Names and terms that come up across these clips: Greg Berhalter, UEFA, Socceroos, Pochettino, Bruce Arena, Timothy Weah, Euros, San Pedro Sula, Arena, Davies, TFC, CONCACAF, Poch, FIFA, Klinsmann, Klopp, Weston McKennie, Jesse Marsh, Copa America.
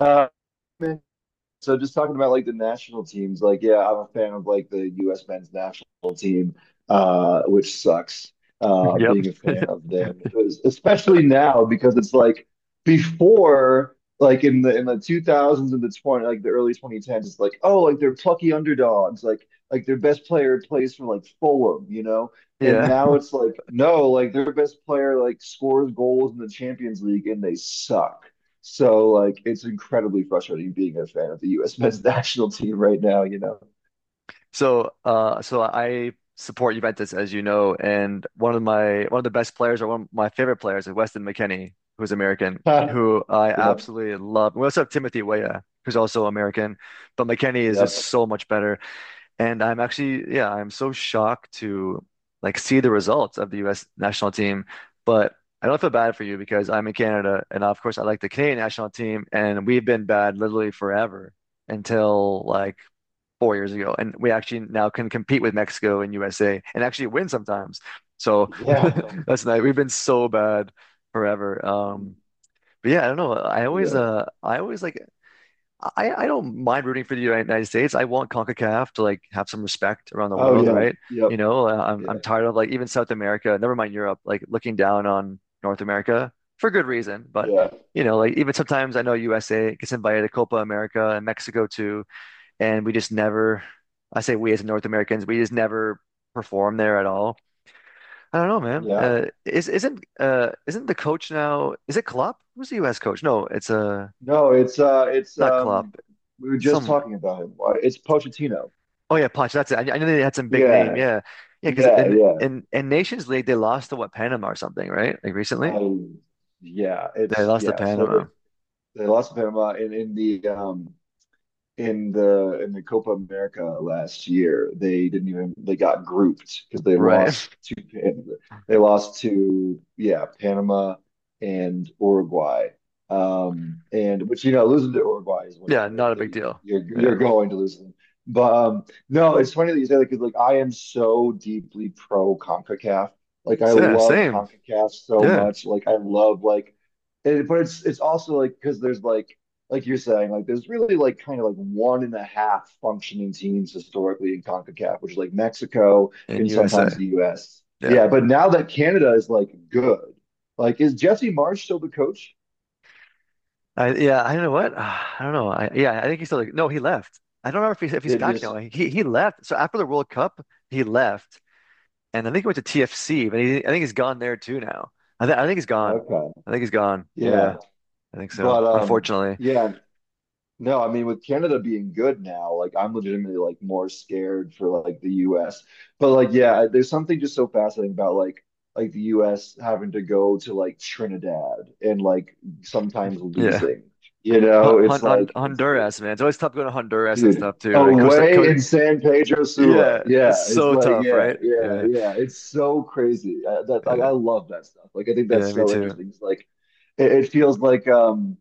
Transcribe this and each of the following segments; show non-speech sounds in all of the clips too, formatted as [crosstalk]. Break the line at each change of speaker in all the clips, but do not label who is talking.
Uh, so just talking about like the national teams, like yeah, I'm a fan of like the U.S. men's national team, which sucks. Uh,
Yep.
being a fan of them, especially now because it's like before, like in the 2000s and the 20 like the early 2010s, it's like oh, like they're plucky underdogs, like their best player plays for like Fulham. And
Yeah.
now it's like no, like their best player like scores goals in the Champions League and they suck. So like it's incredibly frustrating being a fan of the US [laughs] men's national team right now.
So I support Juventus, as you know, and one of the best players, or one of my favorite players, is Weston McKennie, who's American,
[laughs]
who I
Yep,
absolutely love. We also have Timothy Weah, who's also American, but McKennie is just
yep.
so much better. And I'm so shocked to like see the results of the U.S. national team, but. I don't feel bad for you because I'm in Canada, and of course, I like the Canadian national team, and we've been bad literally forever until like 4 years ago, and we actually now can compete with Mexico and USA and actually win sometimes. So
Yeah.
[laughs] that's nice. We've been so bad forever. But yeah, I don't know. I always,
Yeah.
uh, I always like. I don't mind rooting for the United States. I want CONCACAF to like have some respect around the
Oh
world,
yeah.
right?
Yep.
You know, I'm
Yeah.
I'm tired of like even South America, never mind Europe, like looking down on North America for good reason, but.
Yeah.
You know, like even sometimes I know USA gets invited to Copa America and Mexico too, and we just never. I say we as North Americans, we just never perform there at all. I don't know, man.
Yeah.
Is Isn't the coach now? Is it Klopp? Who's the U.S. coach? No, it's
No, it's
not Klopp.
we were just
Some
talking about him. It's Pochettino.
oh yeah, Poch. That's it. I knew they had some big name.
Yeah.
Yeah, yeah. Because
Yeah,
in
yeah.
in in Nations League they lost to what Panama or something, right? Like recently
I yeah,
they
it's
lost to
yeah. So they
Panama.
they lost Panama in the Copa America last year, they didn't even they got grouped because they
Right.
lost
[laughs]
to yeah Panama and Uruguay. And which losing to Uruguay is
Yeah,
whatever
not
like
a big deal.
you're
Yeah.
going to lose them. But no, it's funny that you say that because like I am so deeply pro CONCACAF. Like I
So, yeah,
love
same.
CONCACAF so
Yeah,
much. Like I love but it's also like because there's like you're saying, like there's really like kind of like one and a half functioning teams historically in CONCACAF, which is like Mexico
in
and sometimes
USA.
the US. Yeah,
Yeah.
but now that Canada is like good, like is Jesse Marsh still the coach?
I don't know what. [sighs] I don't know. I think he's still like no, he left. I don't remember if he's
They
back
just
now. He left. So after the World Cup, he left, and I think he went to TFC, but he, I think he's gone there too now. I think he's gone.
okay.
I think he's gone.
Yeah.
Yeah, I think so.
But
Unfortunately,
yeah, no, I mean with Canada being good now, like I'm legitimately like more scared for like the US. But like yeah, there's something just so fascinating about like the US having to go to like Trinidad and like sometimes
yeah.
losing. You know, it's like
Honduras, man. It's always tough going to Honduras and
dude,
stuff too, right? Costa,
away
Co
in San Pedro Sula.
Yeah,
Yeah,
it's
it's
so
like
tough,
yeah,
right?
yeah,
Yeah,
yeah. It's so crazy. That like I
yeah,
love that stuff. Like I think
yeah.
that's
Me
so
too.
interesting. It's like it feels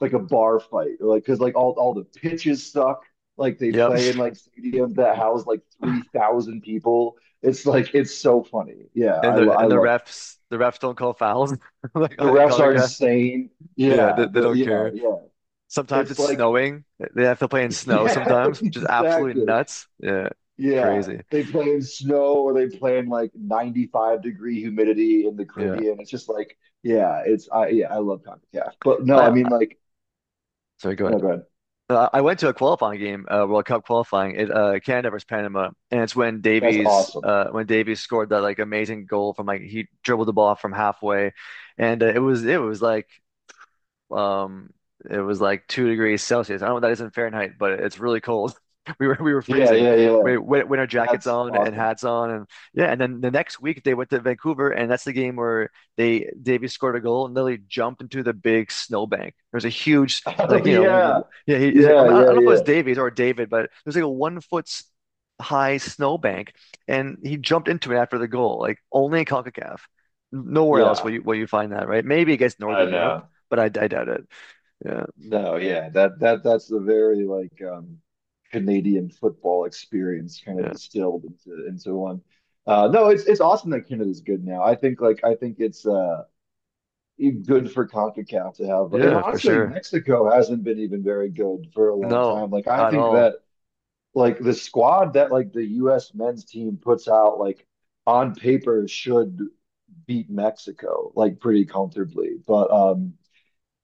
like a bar fight, like because like all the pitches suck. Like they
Yep.
play in like stadiums that house like three
[laughs]
thousand people. It's like it's so funny. Yeah,
And the
I
and the
love it.
refs, the refs don't call fouls [laughs] like
The
in
refs are
CONCACAF.
insane.
Yeah, they,
Yeah,
they
the
don't
yeah,
care.
yeah.
Sometimes
It's
it's
like
snowing. They have to play
[laughs]
in snow
yeah,
sometimes, which is absolutely
exactly.
nuts. Yeah,
Yeah,
crazy.
they play in snow or they play in like 95 degree humidity in the
Yeah.
Caribbean. It's just like yeah, it's I yeah, I love CONCACAF. But no, I mean
I
like
Sorry, go
oh
ahead.
go ahead.
I went to a qualifying game, World Cup qualifying. It Canada versus Panama, and it's when
That's awesome.
Davies scored that like amazing goal from like he dribbled the ball from halfway, and Um, it was like 2 degrees Celsius. I don't know what that is in Fahrenheit, but it's really cold. [laughs] We were
Yeah,
freezing.
yeah, yeah.
We had our jackets
That's
on and
awesome.
hats on, and yeah. And then the next week they went to Vancouver, and that's the game where they Davies scored a goal and literally jumped into the big snowbank. There's a huge,
[laughs]
like,
Oh
you know
yeah.
w- yeah he, is it, I
Yeah,
mean, I don't
yeah,
know if it was
yeah.
Davies or David, but there's like a 1 foot high snowbank, and he jumped into it after the goal. Like only in CONCACAF, nowhere else will
Yeah.
you find that, right? Maybe against
I
Northern Europe,
know.
but I doubt it. Yeah,
No, yeah. That that's the very like Canadian football experience kind of
yeah,
distilled into one. No, it's awesome that Canada's good now. I think like I think it's good for CONCACAF to have and
yeah, for
honestly like,
sure.
Mexico hasn't been even very good for a long
No,
time. Like I
at
think
all.
that
[laughs]
like the squad that like the US men's team puts out like on paper should beat Mexico like pretty comfortably. But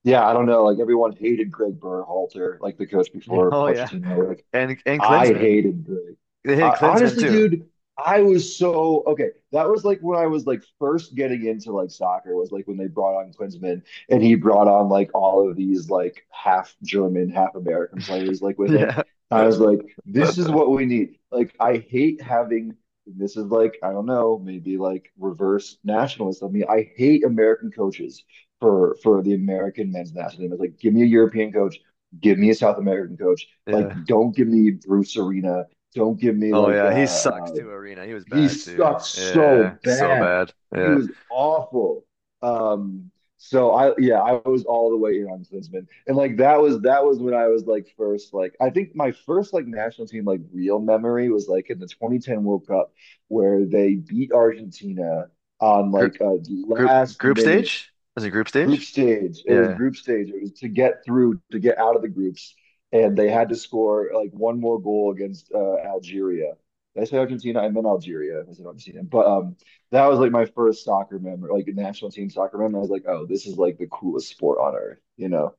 yeah, I don't know. Like everyone hated Greg Berhalter, like the coach
Yeah.
before
Oh yeah,
Pochettino. Like
and
I
Klinsmann,
hated the.
they hit
Uh,
Klinsmann
honestly,
too.
dude, I was so okay. That was like when I was like first getting into like soccer was like when they brought on Klinsmann and he brought on like all of these like half German, half American players like
[laughs]
with him.
Yeah,
I was like, this is what we need. Like, I hate having this is like, I don't know, maybe like reverse nationalist of me. I hate American coaches for the American men's national team. It's like, give me a European coach, give me a South American coach like,
yeah.
don't give me Bruce Arena. Don't give me
Oh
like
yeah, he sucks too. Arena, he was
he
bad too.
sucked
Yeah,
so
so
bad.
bad.
He
Yeah,
was awful. Um, so I yeah, I was all the way in on Klinsman. And like that was when I was like first like I think my first like national team like real memory was like in the 2010 World Cup where they beat Argentina on
group
like a
group
last
group
minute
stage? Was it group
group
stage?
stage. It was
Yeah.
group stage. It was to get through, to get out of the groups, and they had to score like one more goal against Algeria. Did I say Argentina? I meant Algeria. I said Argentina, but that was like my first soccer memory, like national team soccer memory. I was like, oh, this is like the coolest sport on earth, you know?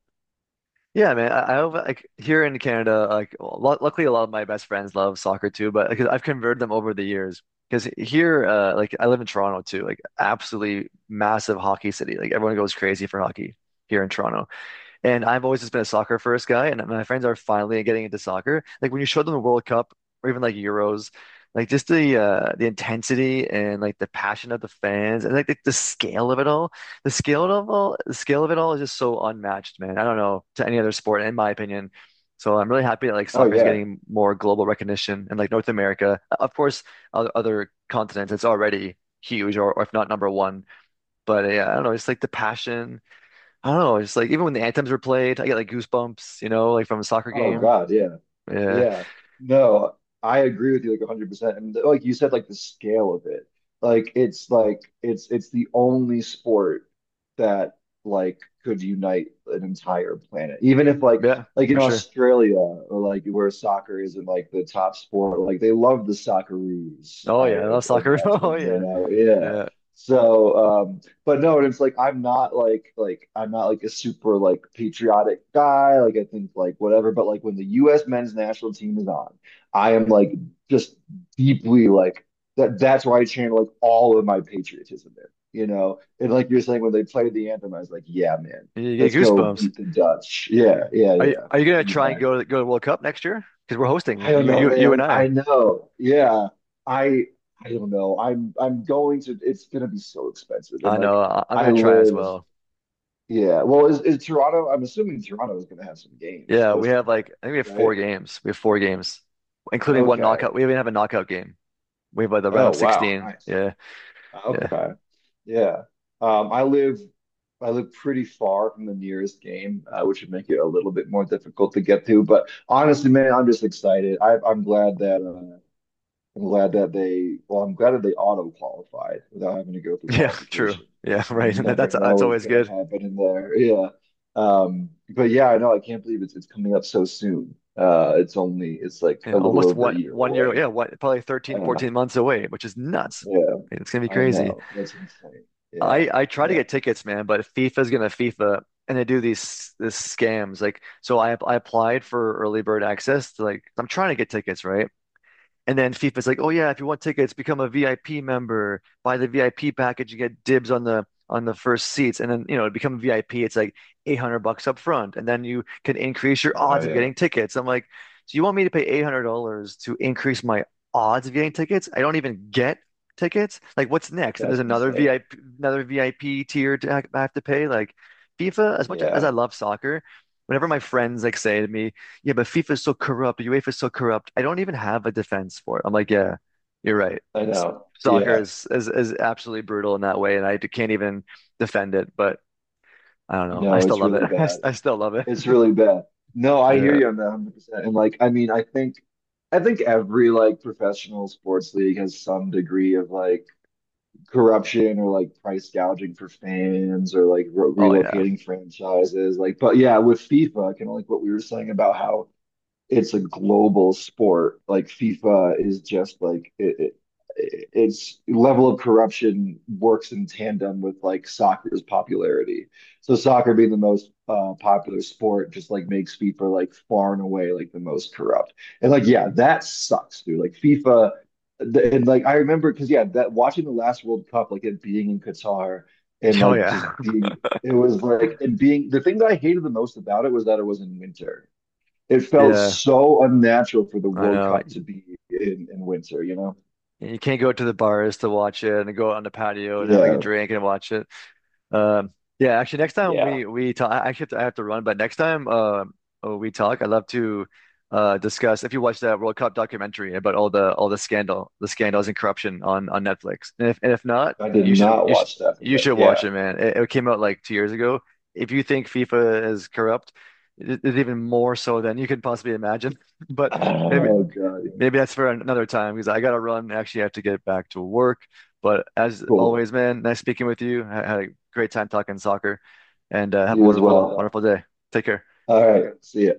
Yeah, man. I have, like here in Canada, like lu luckily a lot of my best friends love soccer too, but because I've converted them over the years. Because here, like I live in Toronto too, like absolutely massive hockey city. Like everyone goes crazy for hockey here in Toronto. And I've always just been a soccer first guy, and my friends are finally getting into soccer. Like when you show them the World Cup or even like Euros, like just the intensity and like the, passion of the fans and like the scale of it all. The scale of it all is just so unmatched, man. I don't know to any other sport, in my opinion. So I'm really happy that like
Oh
soccer is
yeah.
getting more global recognition and like North America. Of course, other continents, it's already huge, or if not number one. But yeah, I don't know, it's like the passion. I don't know. It's like even when the anthems were played, I get like goosebumps, like from a soccer
Oh
game.
God, yeah.
Yeah.
Yeah, no, I agree with you like 100%. And like you said, like the scale of it, like it's the only sport that like could unite an entire planet. Even if like
Yeah,
like in
for sure.
Australia or like where soccer isn't like the top sport, like they love the Socceroos,
Oh
I
yeah, I love soccer. [laughs] Oh
imagine, you
yeah.
know? Yeah.
Yeah.
So um, but no, and it's like I'm not like I'm not like a super like patriotic guy. Like I think like whatever, but like when the U.S. men's national team is on, I am like just deeply like that. That's why I channel like all of my patriotism in. And like you're saying, when they played the anthem, I was like, yeah, man,
You get
let's go
goosebumps.
beat the Dutch. Yeah, yeah,
Are you,
yeah,
are you gonna try and
exactly.
go to World Cup next year? Because we're hosting
I don't
you
know,
you you and
man.
I.
I know. Yeah, I I don't know. I'm going to. It's gonna be so expensive, and
I know.
like.
I'm
I
gonna try as
live
well.
yeah. Well, is Toronto? I'm assuming Toronto is going to have some games
Yeah, we have
hosting
like
there,
I think we have
right?
four games. We have four games, including one
Okay.
knockout. We even have a knockout game. We have like the round
Oh,
of
wow.
16.
Nice.
Yeah. Yeah. [laughs]
Okay. Yeah. Um, I live I live pretty far from the nearest game, which would make it a little bit more difficult to get to. But honestly, man, I'm just excited. I'm glad that they auto qualified without having to go through
Yeah, true.
qualification
Yeah,
because
[laughs]
you
right.
never
That's
know what's
always
going to
good.
happen in there. [laughs] Yeah. But yeah, I know I can't believe it's coming up so soon. It's like
you
a
know,
little
almost
over a
what
year
one year,
away.
yeah, what probably 13,
Uh,
14 months away, which is nuts.
yeah,
It's gonna be
I
crazy.
know. That's insane. Yeah.
I try to
Yeah.
get tickets, man, but FIFA's gonna FIFA, and they do these scams. Like, so I applied for early bird access to like I'm trying to get tickets, right? And then FIFA's like, oh yeah, if you want tickets, become a VIP member. Buy the VIP package, you get dibs on the first seats. And then, to become a VIP, it's like 800 bucks up front. And then you can increase your
Oh
odds of
yeah.
getting tickets. I'm like, so you want me to pay $800 to increase my odds of getting tickets? I don't even get tickets. Like, what's next? And there's
That's
another
insane.
VIP, another VIP tier to I have to pay. Like FIFA, as much as I
Yeah.
love soccer, whenever my friends like say to me, yeah, but FIFA is so corrupt, UEFA is so corrupt, I don't even have a defense for it. I'm like, yeah, you're right.
I
S-
know.
Soccer
Yeah.
is absolutely brutal in that way, and I can't even defend it. But I don't know. I
No,
still
it's
love it.
really
[laughs] I, s-
bad.
I still love it.
It's
[laughs]
really bad. No, I hear
Yeah.
you on that 100%. And like, I mean, I think every like professional sports league has some degree of like corruption or like price gouging for fans or like re
Oh yeah.
relocating franchises. Like, but yeah, with FIFA, kind of like what we were saying about how it's a global sport. Like FIFA is just like its level of corruption works in tandem with like soccer's popularity. So soccer being the most popular sport just like makes FIFA like far and away like the most corrupt. And like yeah, that sucks, dude. Like FIFA and like I remember because yeah, that watching the last World Cup, like it being in Qatar and
[laughs] Oh
like
yeah.
just being It was like, and being the thing that I hated the most about it was that it was in winter it
[laughs]
felt
Yeah.
so unnatural for the
I
World
know.
Cup to be in winter, you know?
You can't go to the bars to watch it and go out on the patio and have like a
Yeah.
drink and watch it. Um, yeah, actually, next time
Yeah.
we talk, I have to run, but next time we talk, I'd love to discuss if you watch that World Cup documentary about all the scandals and corruption on Netflix. And if not,
I did
you should
not watch that for that.
watch
Yeah.
it, man. It came out like 2 years ago. If you think FIFA is corrupt, it's even more so than you could possibly imagine. [laughs]
[sighs]
But maybe,
Oh God. Yeah.
maybe that's for another time because I got to run. Actually, I have to get back to work. But as
Cool.
always, man, nice speaking with you. I had a great time talking soccer, and have a
You as
wonderful,
well.
wonderful day. Take care.
All right. See ya.